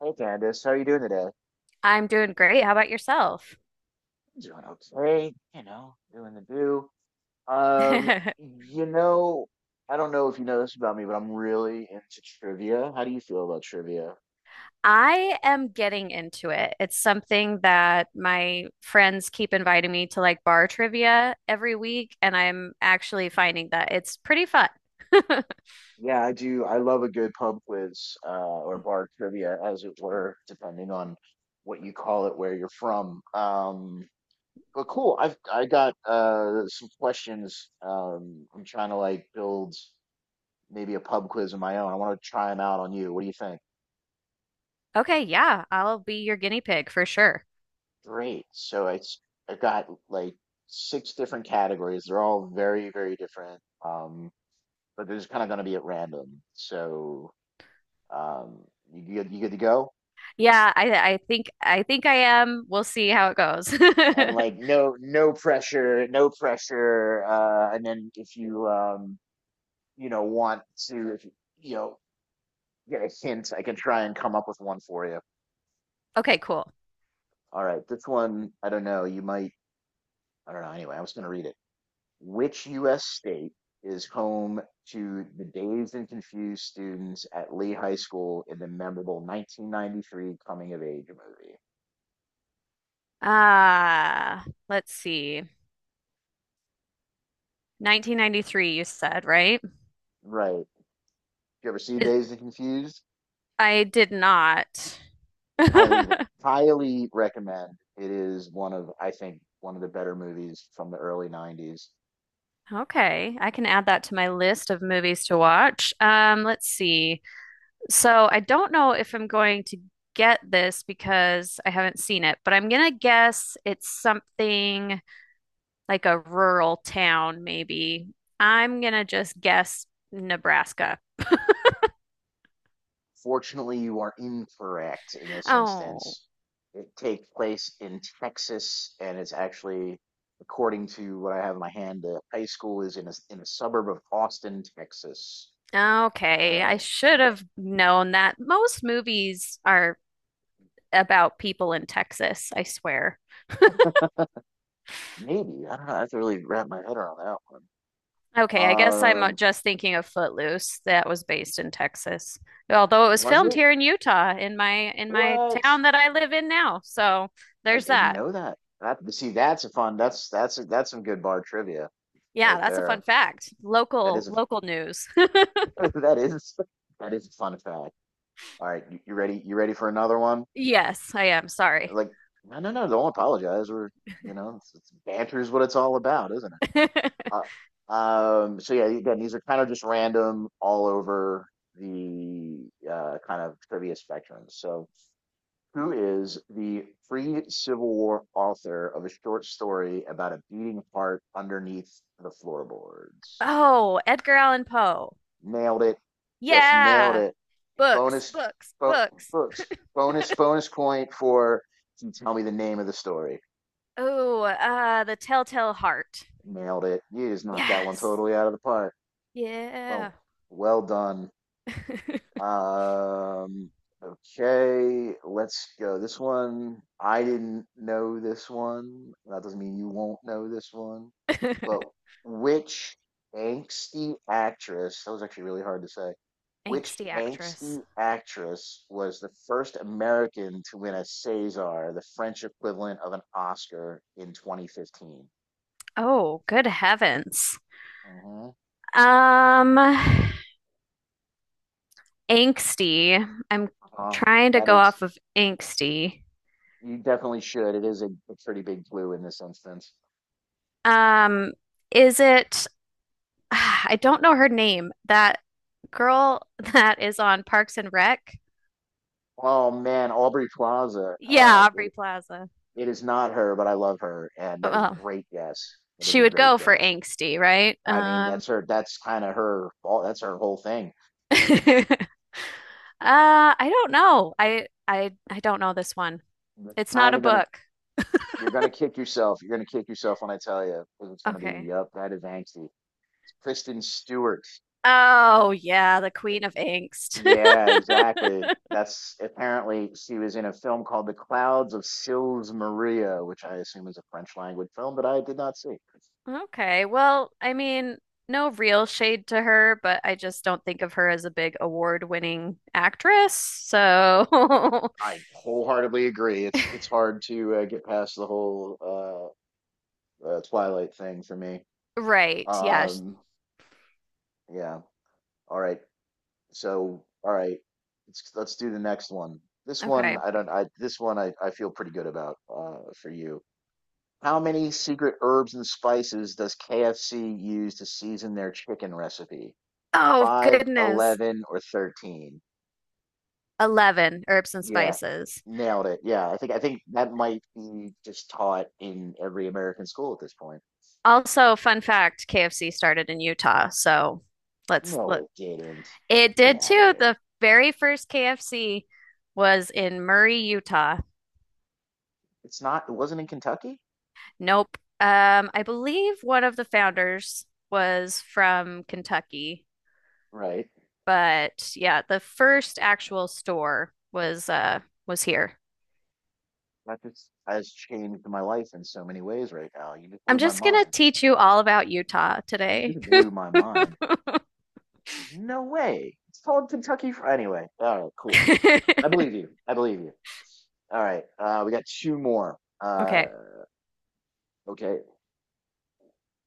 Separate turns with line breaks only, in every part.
Hey Candace, how are you doing today? I'm
I'm doing great. How about yourself?
doing okay, you know, doing the do. Um, you know, I don't know if you know this about me, but I'm really into trivia. How do you feel about trivia?
I am getting into it. It's something that my friends keep inviting me to like bar trivia every week, and I'm actually finding that it's pretty fun.
Yeah, I do. I love a good pub quiz, or bar trivia, as it were, depending on what you call it, where you're from. But cool. I got some questions. I'm trying to like build maybe a pub quiz of my own. I want to try them out on you. What do you think?
Okay, yeah, I'll be your guinea pig for sure.
Great. So it's I got like six different categories. They're all very, very different. But they're just kind of going to be at random. So um, you good? You good to go?
Yeah, I think I am. We'll see how it goes.
And like no, no pressure, no pressure. And then if you want to, if you get a hint, I can try and come up with one for you.
Okay, cool.
All right, this one, I don't know. You might, I don't know. Anyway, I was going to read it. Which U.S. state is home to the Dazed and Confused students at Lee High School in the memorable 1993 coming of age movie?
Uh, let's see. 1993 you said, right?
Right. You ever see
Is-
Dazed and Confused,
I did not.
highly, highly recommend. It is one of, I think, one of the better movies from the early 90s.
Okay, I can add that to my list of movies to watch. Let's see. So I don't know if I'm going to get this because I haven't seen it, but I'm gonna guess it's something like a rural town, maybe. I'm gonna just guess Nebraska.
Fortunately, you are incorrect in this
Oh,
instance. It takes place in Texas, and it's actually, according to what I have in my hand, the high school is in a suburb of Austin, Texas.
okay. I
So
should
uh,
have known that. Most movies are about people in Texas, I swear.
maybe I don't know. I have to really wrap my head around that one.
Okay, I guess I'm
Um,
just thinking of Footloose. That was based in Texas, although it was
was
filmed
it?
here in Utah, in my
What?
town that I live in now. So
I
there's
didn't
that.
know that. That see, that's a fun. That's some good bar trivia
Yeah,
right
that's a fun
there.
fact.
That
Local
is a
local news.
that is that is a fun fact. All right, you ready? You ready for another one?
Yes, I am. Sorry.
Like, no, no, no, don't apologize. It's banter is what it's all about, isn't it? Uh, so yeah, again, these are kind of just random all over the kind of trivia spectrum. So, who is the free Civil War author of a short story about a beating heart underneath the floorboards?
Oh, Edgar Allan Poe.
Nailed it. Just nailed
Yeah,
it.
books,
bonus
books,
bo-
books.
Books, bonus point for you tell me the name of the story.
Oh, The Telltale Heart.
Nailed it. You just knocked that one
Yes.
totally out of the park.
Yeah.
Well, well done. Um, okay, let's go. This one, I didn't know this one. That doesn't mean you won't know this one. But which angsty actress, that was actually really hard to say. Which
Angsty actress.
angsty actress was the first American to win a César, the French equivalent of an Oscar, in 2015?
Oh, good heavens.
Hmm.
Um, angsty. I'm
Uh-huh.
trying to
That
go
is,
off of angsty.
you definitely should. It is a pretty big clue in this instance.
Um, is it, I don't know her name, that girl that is on Parks and Rec?
Oh man, Aubrey Plaza.
Yeah, Aubrey Plaza.
It is not her, but I love her, and that is a
Well,
great guess. That is
she
a
would
great
go for
guess.
angsty, right?
I mean, that's her. That's kind of her fault. That's her whole thing.
Uh, I don't know. I don't know this one.
You're
It's not
kind
a
of gonna.
book.
You're gonna kick yourself. You're gonna kick yourself when I tell you, because it's gonna be.
Okay.
Yup, that is angsty. It's Kristen Stewart.
Oh, yeah, the
eh,
Queen of Angst.
Yeah, exactly. That's apparently she was in a film called The Clouds of Sils Maria, which I assume is a French language film, but I did not see.
Okay. Well, I mean, no real shade to her, but I just don't think of her as a big award-winning actress. So,
I wholeheartedly agree. It's hard to get past the whole Twilight thing for me.
right.
Um, yeah. All right. So, all right. Let's do the next one. This one
Okay.
I don't. I This one I feel pretty good about for you. How many secret herbs and spices does KFC use to season their chicken recipe?
Oh,
Five,
goodness.
11, or 13?
11 herbs and
Yeah,
spices.
nailed it. Yeah, I think that might be just taught in every American school at this point.
Also, fun fact, KFC started in Utah. So, let's
No,
look.
it didn't.
It
Get
did
out of
too.
here.
The very first KFC was in Murray, Utah.
It's not. It wasn't in Kentucky,
Nope. I believe one of the founders was from Kentucky.
right?
But yeah, the first actual store was here.
That just has changed my life in so many ways right now. You just
I'm
blew my
just gonna
mind.
teach you all about Utah
You
today.
just blew my mind. There's no way. It's called Kentucky Fried. Anyway, all right, cool. I believe you. I believe you. All right, we got two more.
Okay.
Okay,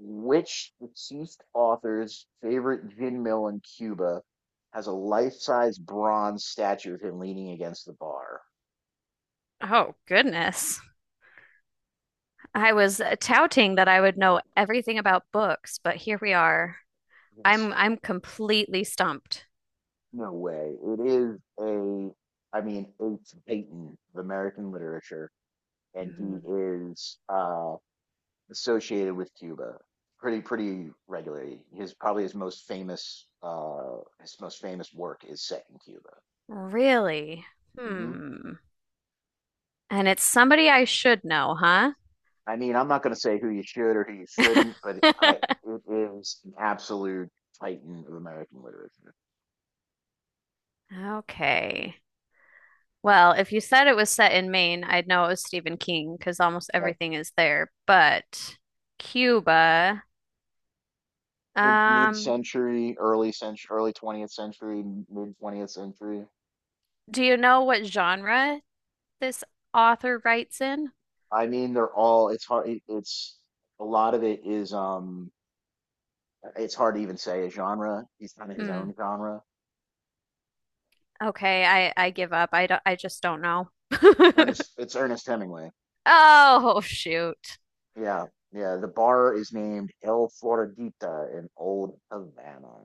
which deceased author's favorite gin mill in Cuba has a life-size bronze statue of him leaning against the bar?
Oh, goodness. I was touting that I would know everything about books, but here we are. I'm
It's
I'm completely stumped.
No way. It is I mean, it's Peyton of American literature, and he
Mhm.
is associated with Cuba pretty pretty regularly. His probably his most famous work is set in Cuba.
Really?
Hmm.
Hmm. And it's somebody I should know, huh?
I mean, I'm not going to say who you should or who you shouldn't, but I it is an absolute titan of American literature.
Okay. Well, if you said it was set in Maine, I'd know it was Stephen King because almost
Like
everything is there. But Cuba,
mid
um,
century, early 20th century, mid 20th century.
do you know what genre this author writes in?
I mean, they're all. It's hard. It's a lot of it is. It's hard to even say a genre. He's kind of his
Hmm.
own genre.
Okay, I give up. I don't, I just don't know.
Ernest. It's Ernest Hemingway.
Oh, shoot.
Yeah, yeah. The bar is named El Floridita in Old Havana.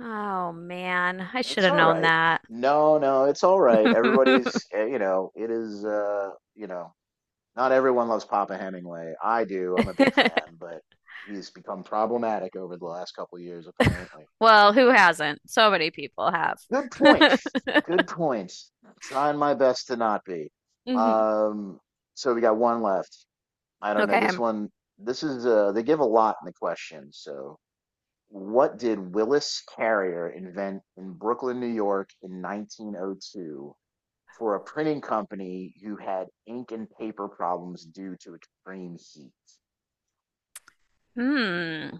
Oh man, I should
It's
have
all
known
right.
that.
No, no, it's all right. Everybody's, eh, you know, It is, not everyone loves Papa Hemingway. I do. I'm a big fan, but he's become problematic over the last couple years, apparently.
Well, who hasn't? So many people have.
Good point. Good point. Trying my best to not be.
Mhm.
Um, so we got one left. I don't know.
Okay.
This one, this is, they give a lot in the question. So, what did Willis Carrier invent in Brooklyn, New York in 1902 for a printing company who had ink and paper problems due to extreme heat?
Hmm.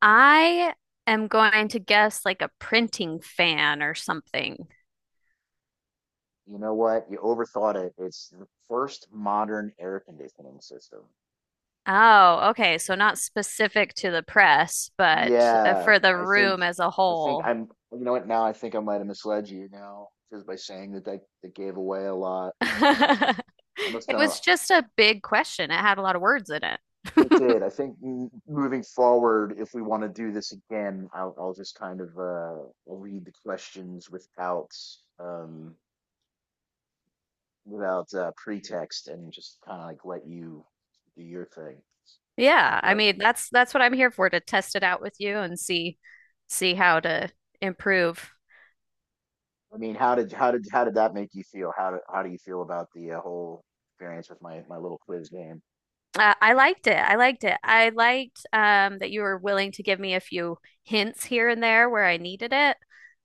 I am going to guess like a printing fan or something.
You know what? You overthought it. It's the first modern air conditioning system.
Oh, okay. So not specific to the press, but
Yeah,
for the room as a
I think
whole.
I'm you know what now I think I might have misled you now because by saying that they gave away a lot. I'm just
It
gonna
was just a big question. It had a lot of words in
I
it.
did. Moving forward, if we want to do this again, I'll just kind of I'll read the questions without um without pretext and just kind of like let you do your thing.
Yeah, I
But
mean that's what I'm here for to test it out with you and see how to improve.
I mean, how did that make you feel? How do you feel about the whole experience with my my little quiz game?
I liked it. I liked it. I liked that you were willing to give me a few hints here and there where I needed it.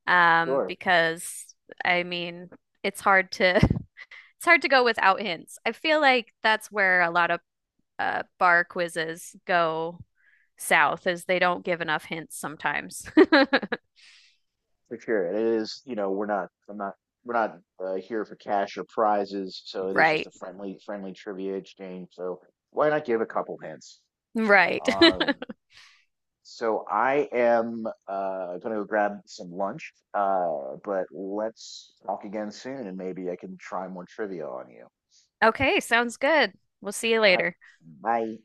Sure,
Because I mean, it's hard to it's hard to go without hints. I feel like that's where a lot of bar quizzes go south, is they don't give enough hints sometimes.
for sure. And it is, you know, we're not I'm not we're not here for cash or prizes, so it is just
Right.
a friendly friendly trivia exchange. So why not give a couple hints?
Right.
Um, So I am going to go grab some lunch, but let's talk again soon, and maybe I can try more trivia on you.
Okay, sounds good. We'll see you
All right,
later.
bye.